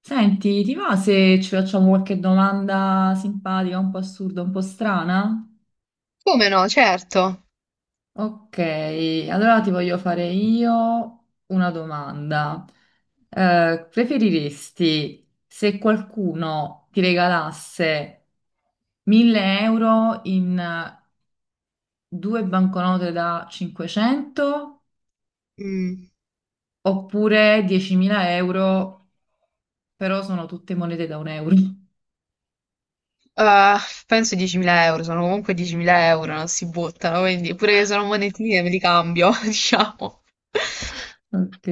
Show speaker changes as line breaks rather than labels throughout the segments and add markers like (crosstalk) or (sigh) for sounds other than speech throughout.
Senti, ti va se ci facciamo qualche domanda simpatica, un po' assurda, un po' strana?
Come no, certo.
Ok, allora ti voglio fare io una domanda. Preferiresti se qualcuno ti regalasse 1000 euro in due banconote da 500
Mm.
oppure 10.000 euro, però sono tutte monete da un euro? (laughs)
Ah, penso 10.000 euro, sono comunque 10.000 euro, non si buttano, quindi pure che sono monetine me li cambio, (laughs) diciamo.
Ok,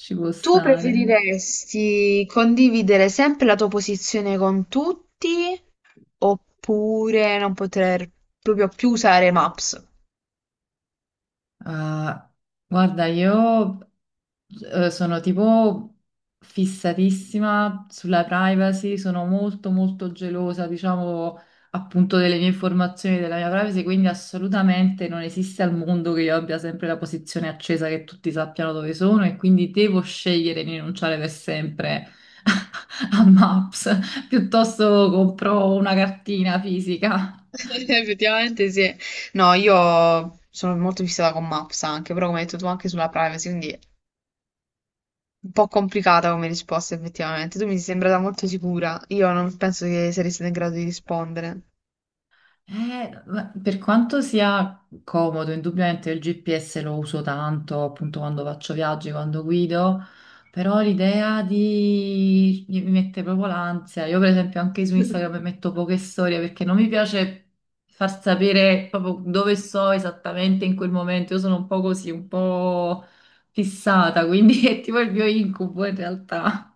ci può
Tu
stare.
preferiresti condividere sempre la tua posizione con tutti oppure non poter proprio più usare Maps?
Ah, guarda, io sono tipo fissatissima sulla privacy, sono molto molto gelosa, diciamo, appunto delle mie informazioni, della mia privacy, quindi assolutamente non esiste al mondo che io abbia sempre la posizione accesa che tutti sappiano dove sono e quindi devo scegliere di rinunciare per sempre (laughs) a Maps, piuttosto compro una cartina fisica.
(laughs) Effettivamente sì. No, io sono molto fissata con Maps anche, però come hai detto tu anche sulla privacy, quindi un po' complicata come risposta, effettivamente. Tu mi sei sembrata molto sicura. Io non penso che saresti in grado di rispondere.
Ma per quanto sia comodo, indubbiamente il GPS lo uso tanto appunto quando faccio viaggi, quando guido, però l'idea di mi mette proprio l'ansia. Io per esempio anche su
(laughs)
Instagram metto poche storie perché non mi piace far sapere proprio dove sto esattamente in quel momento. Io sono un po' così, un po' fissata, quindi (laughs) è tipo il mio incubo in realtà.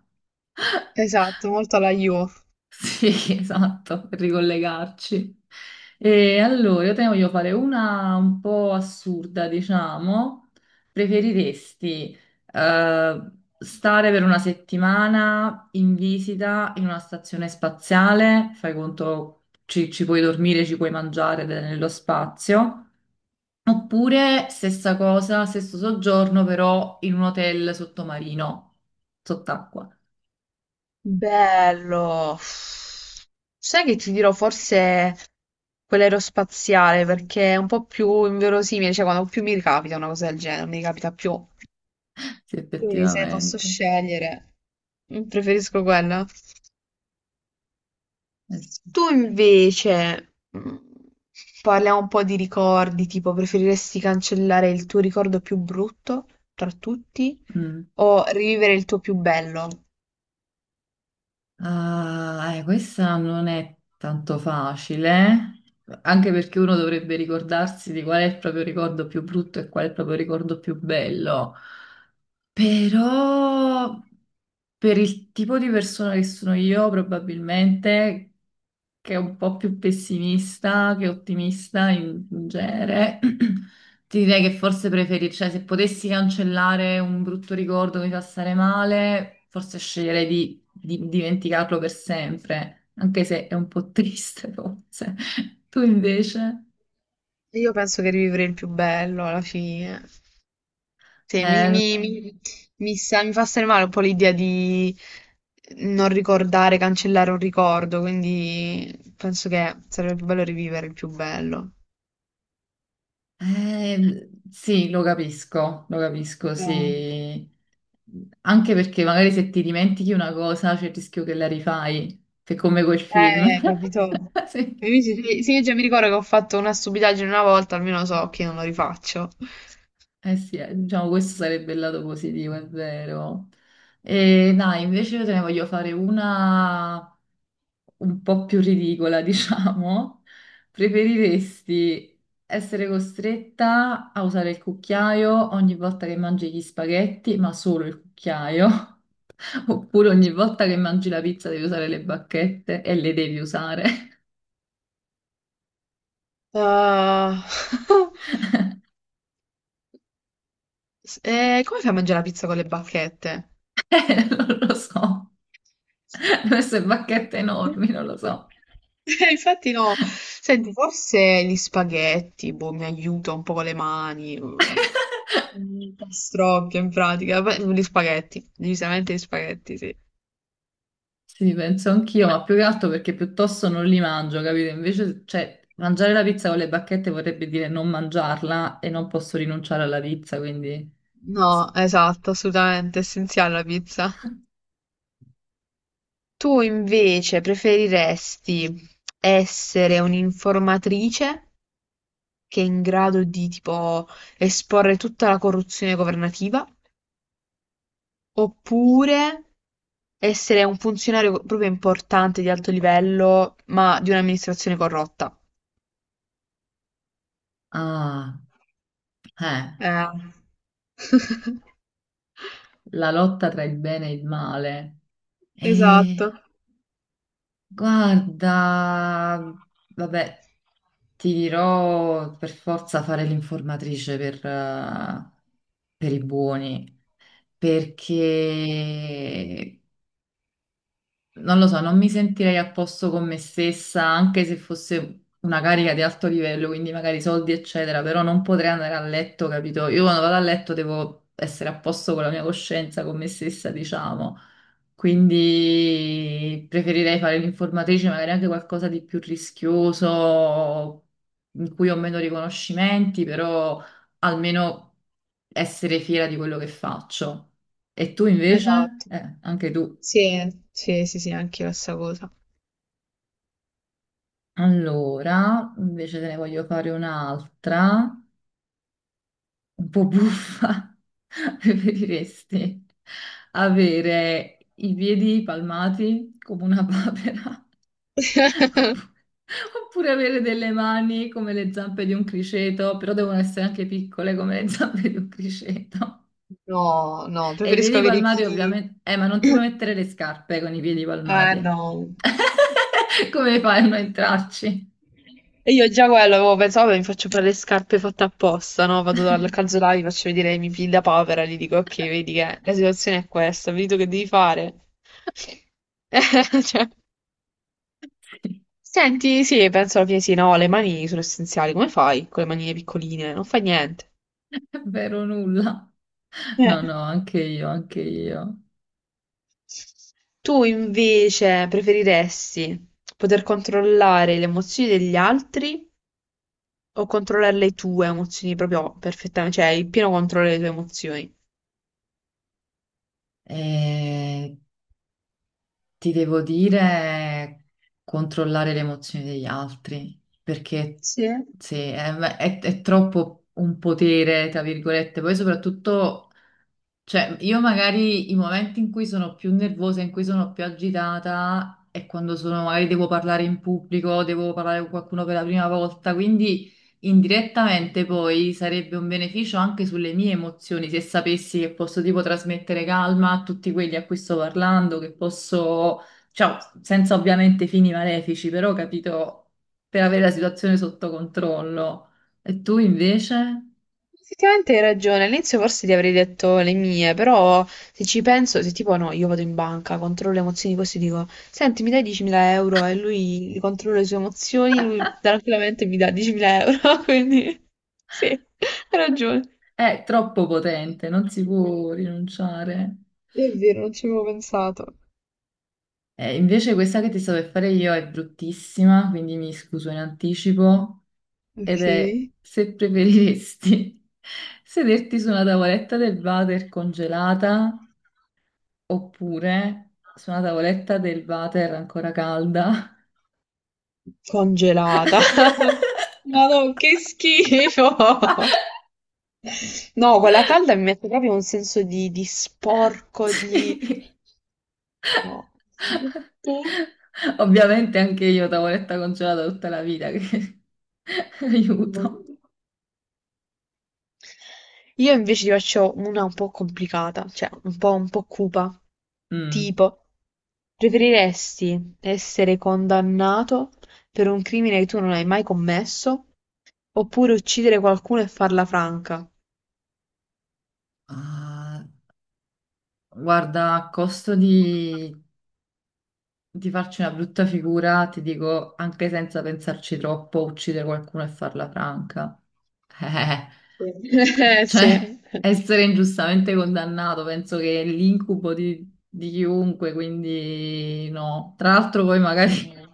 Esatto, molto alla io.
Sì, (laughs) esatto, per ricollegarci. E allora, io te ne voglio fare una un po' assurda, diciamo. Preferiresti eh, stare per una settimana in visita in una stazione spaziale, fai conto, ci puoi dormire, ci puoi mangiare ed è nello spazio, oppure stessa cosa, stesso soggiorno, però in un hotel sottomarino, sott'acqua.
Bello. Sai che ti dirò forse quell'aerospaziale perché è un po' più inverosimile, cioè quando più mi ricapita una cosa del genere, mi ricapita più.
(laughs) Sì,
Quindi se posso
effettivamente.
scegliere, preferisco quella.
Eh sì.
Tu invece, mm, parliamo un po' di ricordi, tipo preferiresti cancellare il tuo ricordo più brutto tra tutti
Mm.
o rivivere il tuo più bello?
Ah, questa non è tanto facile, Anche perché uno dovrebbe ricordarsi di qual è il proprio ricordo più brutto e qual è il proprio ricordo più bello. Però per il tipo di persona che sono io, probabilmente che è un po' più pessimista che ottimista in genere, (clears throat) ti direi che forse preferisci, cioè se potessi cancellare un brutto ricordo che mi fa stare male, forse sceglierei di dimenticarlo per sempre, anche se è un po' triste (laughs) forse. Tu invece?
Io penso che rivivere il più bello alla fine. Sì,
Lo so.
mi fa stare male un po' l'idea di non ricordare, cancellare un ricordo, quindi penso che sarebbe più bello rivivere il più bello.
Sì, lo capisco,
Eh.
sì. Anche perché magari se ti dimentichi una cosa c'è il rischio che la rifai, che è come quel film. (laughs)
Capito?
Sì.
Sì, sì, già mi ricordo che ho fatto una stupidaggine una volta, almeno so che non lo rifaccio.
Eh sì, diciamo questo sarebbe il lato positivo, è vero. E dai, invece io te ne voglio fare una un po' più ridicola, (laughs) diciamo. Preferiresti essere costretta a usare il cucchiaio ogni volta che mangi gli spaghetti, ma solo il cucchiaio, (laughs) oppure ogni volta che mangi la pizza devi usare le bacchette e le devi usare?
Ah, (laughs)
(laughs)
come fai a mangiare la pizza con le bacchette?
Non lo so, (laughs) queste bacchette enormi, non lo so.
Infatti no, senti, forse gli spaghetti, boh, mi aiuta un po' con le mani,
(laughs)
mm, pastrocchio in pratica, beh, gli spaghetti, decisamente gli spaghetti, sì.
Sì, penso anch'io, ma più che altro perché piuttosto non li mangio, capito? Invece, cioè, mangiare la pizza con le bacchette vorrebbe dire non mangiarla e non posso rinunciare alla pizza, quindi.
No, esatto, assolutamente essenziale la pizza. Tu invece preferiresti essere un'informatrice che è in grado di tipo esporre tutta la corruzione governativa, oppure essere un funzionario proprio importante di alto livello, ma di un'amministrazione corrotta?
Ah, eh,
Eh. (laughs)
la lotta tra il bene e il male.
Esatto,
Eh, guarda, vabbè, ti dirò per forza fare l'informatrice per i buoni, perché non lo so, non mi sentirei a posto con me stessa, anche se fosse una carica di alto livello, quindi magari soldi, eccetera, però non potrei andare a letto, capito? Io quando vado a letto devo essere a posto con la mia coscienza, con me stessa, diciamo. Quindi preferirei fare l'informatrice, magari anche qualcosa di più rischioso, in cui ho meno riconoscimenti, però almeno essere fiera di quello che faccio. E tu invece?
esatto.
Anche tu.
Sì, sì, sì, sì, anche io la stessa cosa.
Allora, invece te ne voglio fare un'altra, un po' buffa. (laughs) Preferiresti avere i piedi palmati come una papera (laughs)
(laughs)
oppu- oppure avere delle mani come le zampe di un criceto, però devono essere anche piccole come le (laughs) zampe di un criceto.
No, no,
E i
preferisco
piedi
avere i
palmati
piedi.
ovviamente. Ma non ti puoi
(clears throat)
mettere le scarpe con i piedi
Eh
palmati.
no.
(laughs) Come fai a non entrarci?
E io già quello avevo pensato, "Vabbè, mi faccio fare le scarpe fatte apposta, no? Vado dal calzolaio, vi faccio vedere i miei piedi da povera, gli dico, ok, vedi che la situazione è questa, vedi tu che devi fare. (laughs) Cioè,
(laughs)
senti, sì, penso alla fine sì, no, le mani sono essenziali, come fai con le manine piccoline? Non fai niente.
È vero nulla.
Eh.
No, no, anche io, anche io.
Tu invece preferiresti poter controllare le emozioni degli altri o controllare le tue emozioni proprio perfettamente, cioè il pieno controllo delle tue emozioni.
E ti devo dire controllare le emozioni degli altri, perché
Sì,
sì, è, è troppo un potere, tra virgolette, poi soprattutto. Cioè, io magari i momenti in cui sono più nervosa, in cui sono più agitata, è quando sono, magari devo parlare in pubblico, devo parlare con qualcuno per la prima volta, quindi indirettamente poi sarebbe un beneficio anche sulle mie emozioni, se sapessi che posso tipo trasmettere calma a tutti quelli a cui sto parlando, che posso, cioè, senza ovviamente fini malefici, però capito, per avere la situazione sotto controllo. E tu invece?
effettivamente hai ragione, all'inizio forse ti avrei detto le mie, però se ci penso, se tipo no, io vado in banca, controllo le emozioni così, dico, senti, mi dai 10.000 euro e lui li controlla le sue emozioni, lui tranquillamente mi dà 10.000 euro, (laughs) quindi sì, hai ragione.
È troppo potente, non si può rinunciare.
È vero, non ci avevo pensato.
Invece questa che ti sto per fare io è bruttissima, quindi mi scuso in anticipo, ed
Ok.
è se preferiresti (laughs) sederti su una tavoletta del water congelata oppure su una tavoletta del water ancora calda. (laughs)
Congelata. (laughs) Madò, che schifo! No, quella calda mi mette proprio un senso di sporco, di...
Sì.
No. Tu?
Ovviamente anche io tavoletta congelata tutta la vita, che (laughs) aiuto.
Io invece ti faccio una un po' complicata, cioè un po' cupa.
Mm.
Tipo, preferiresti essere condannato per un crimine che tu non hai mai commesso oppure uccidere qualcuno e farla franca? (laughs)
Ah, guarda, a costo di farci una brutta figura, ti dico anche senza pensarci troppo, uccidere qualcuno e farla franca. (laughs)
Sì.
Cioè, essere ingiustamente condannato, penso che è l'incubo di chiunque, quindi no. Tra l'altro poi magari
Mh.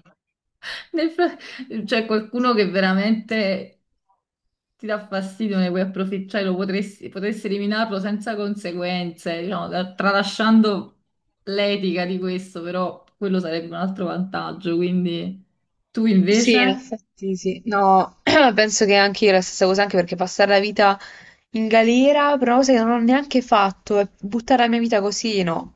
(laughs) nel fra- cioè qualcuno che veramente ti dà fastidio, ne puoi approfittare, lo potresti, potresti eliminarlo senza conseguenze, diciamo, tralasciando l'etica di questo, però quello sarebbe un altro vantaggio, quindi tu
Sì, in
invece?
effetti sì. No, (clears throat) penso che anche io la stessa cosa, anche perché passare la vita in galera, però una cosa che non ho neanche fatto, e buttare la mia vita così, no.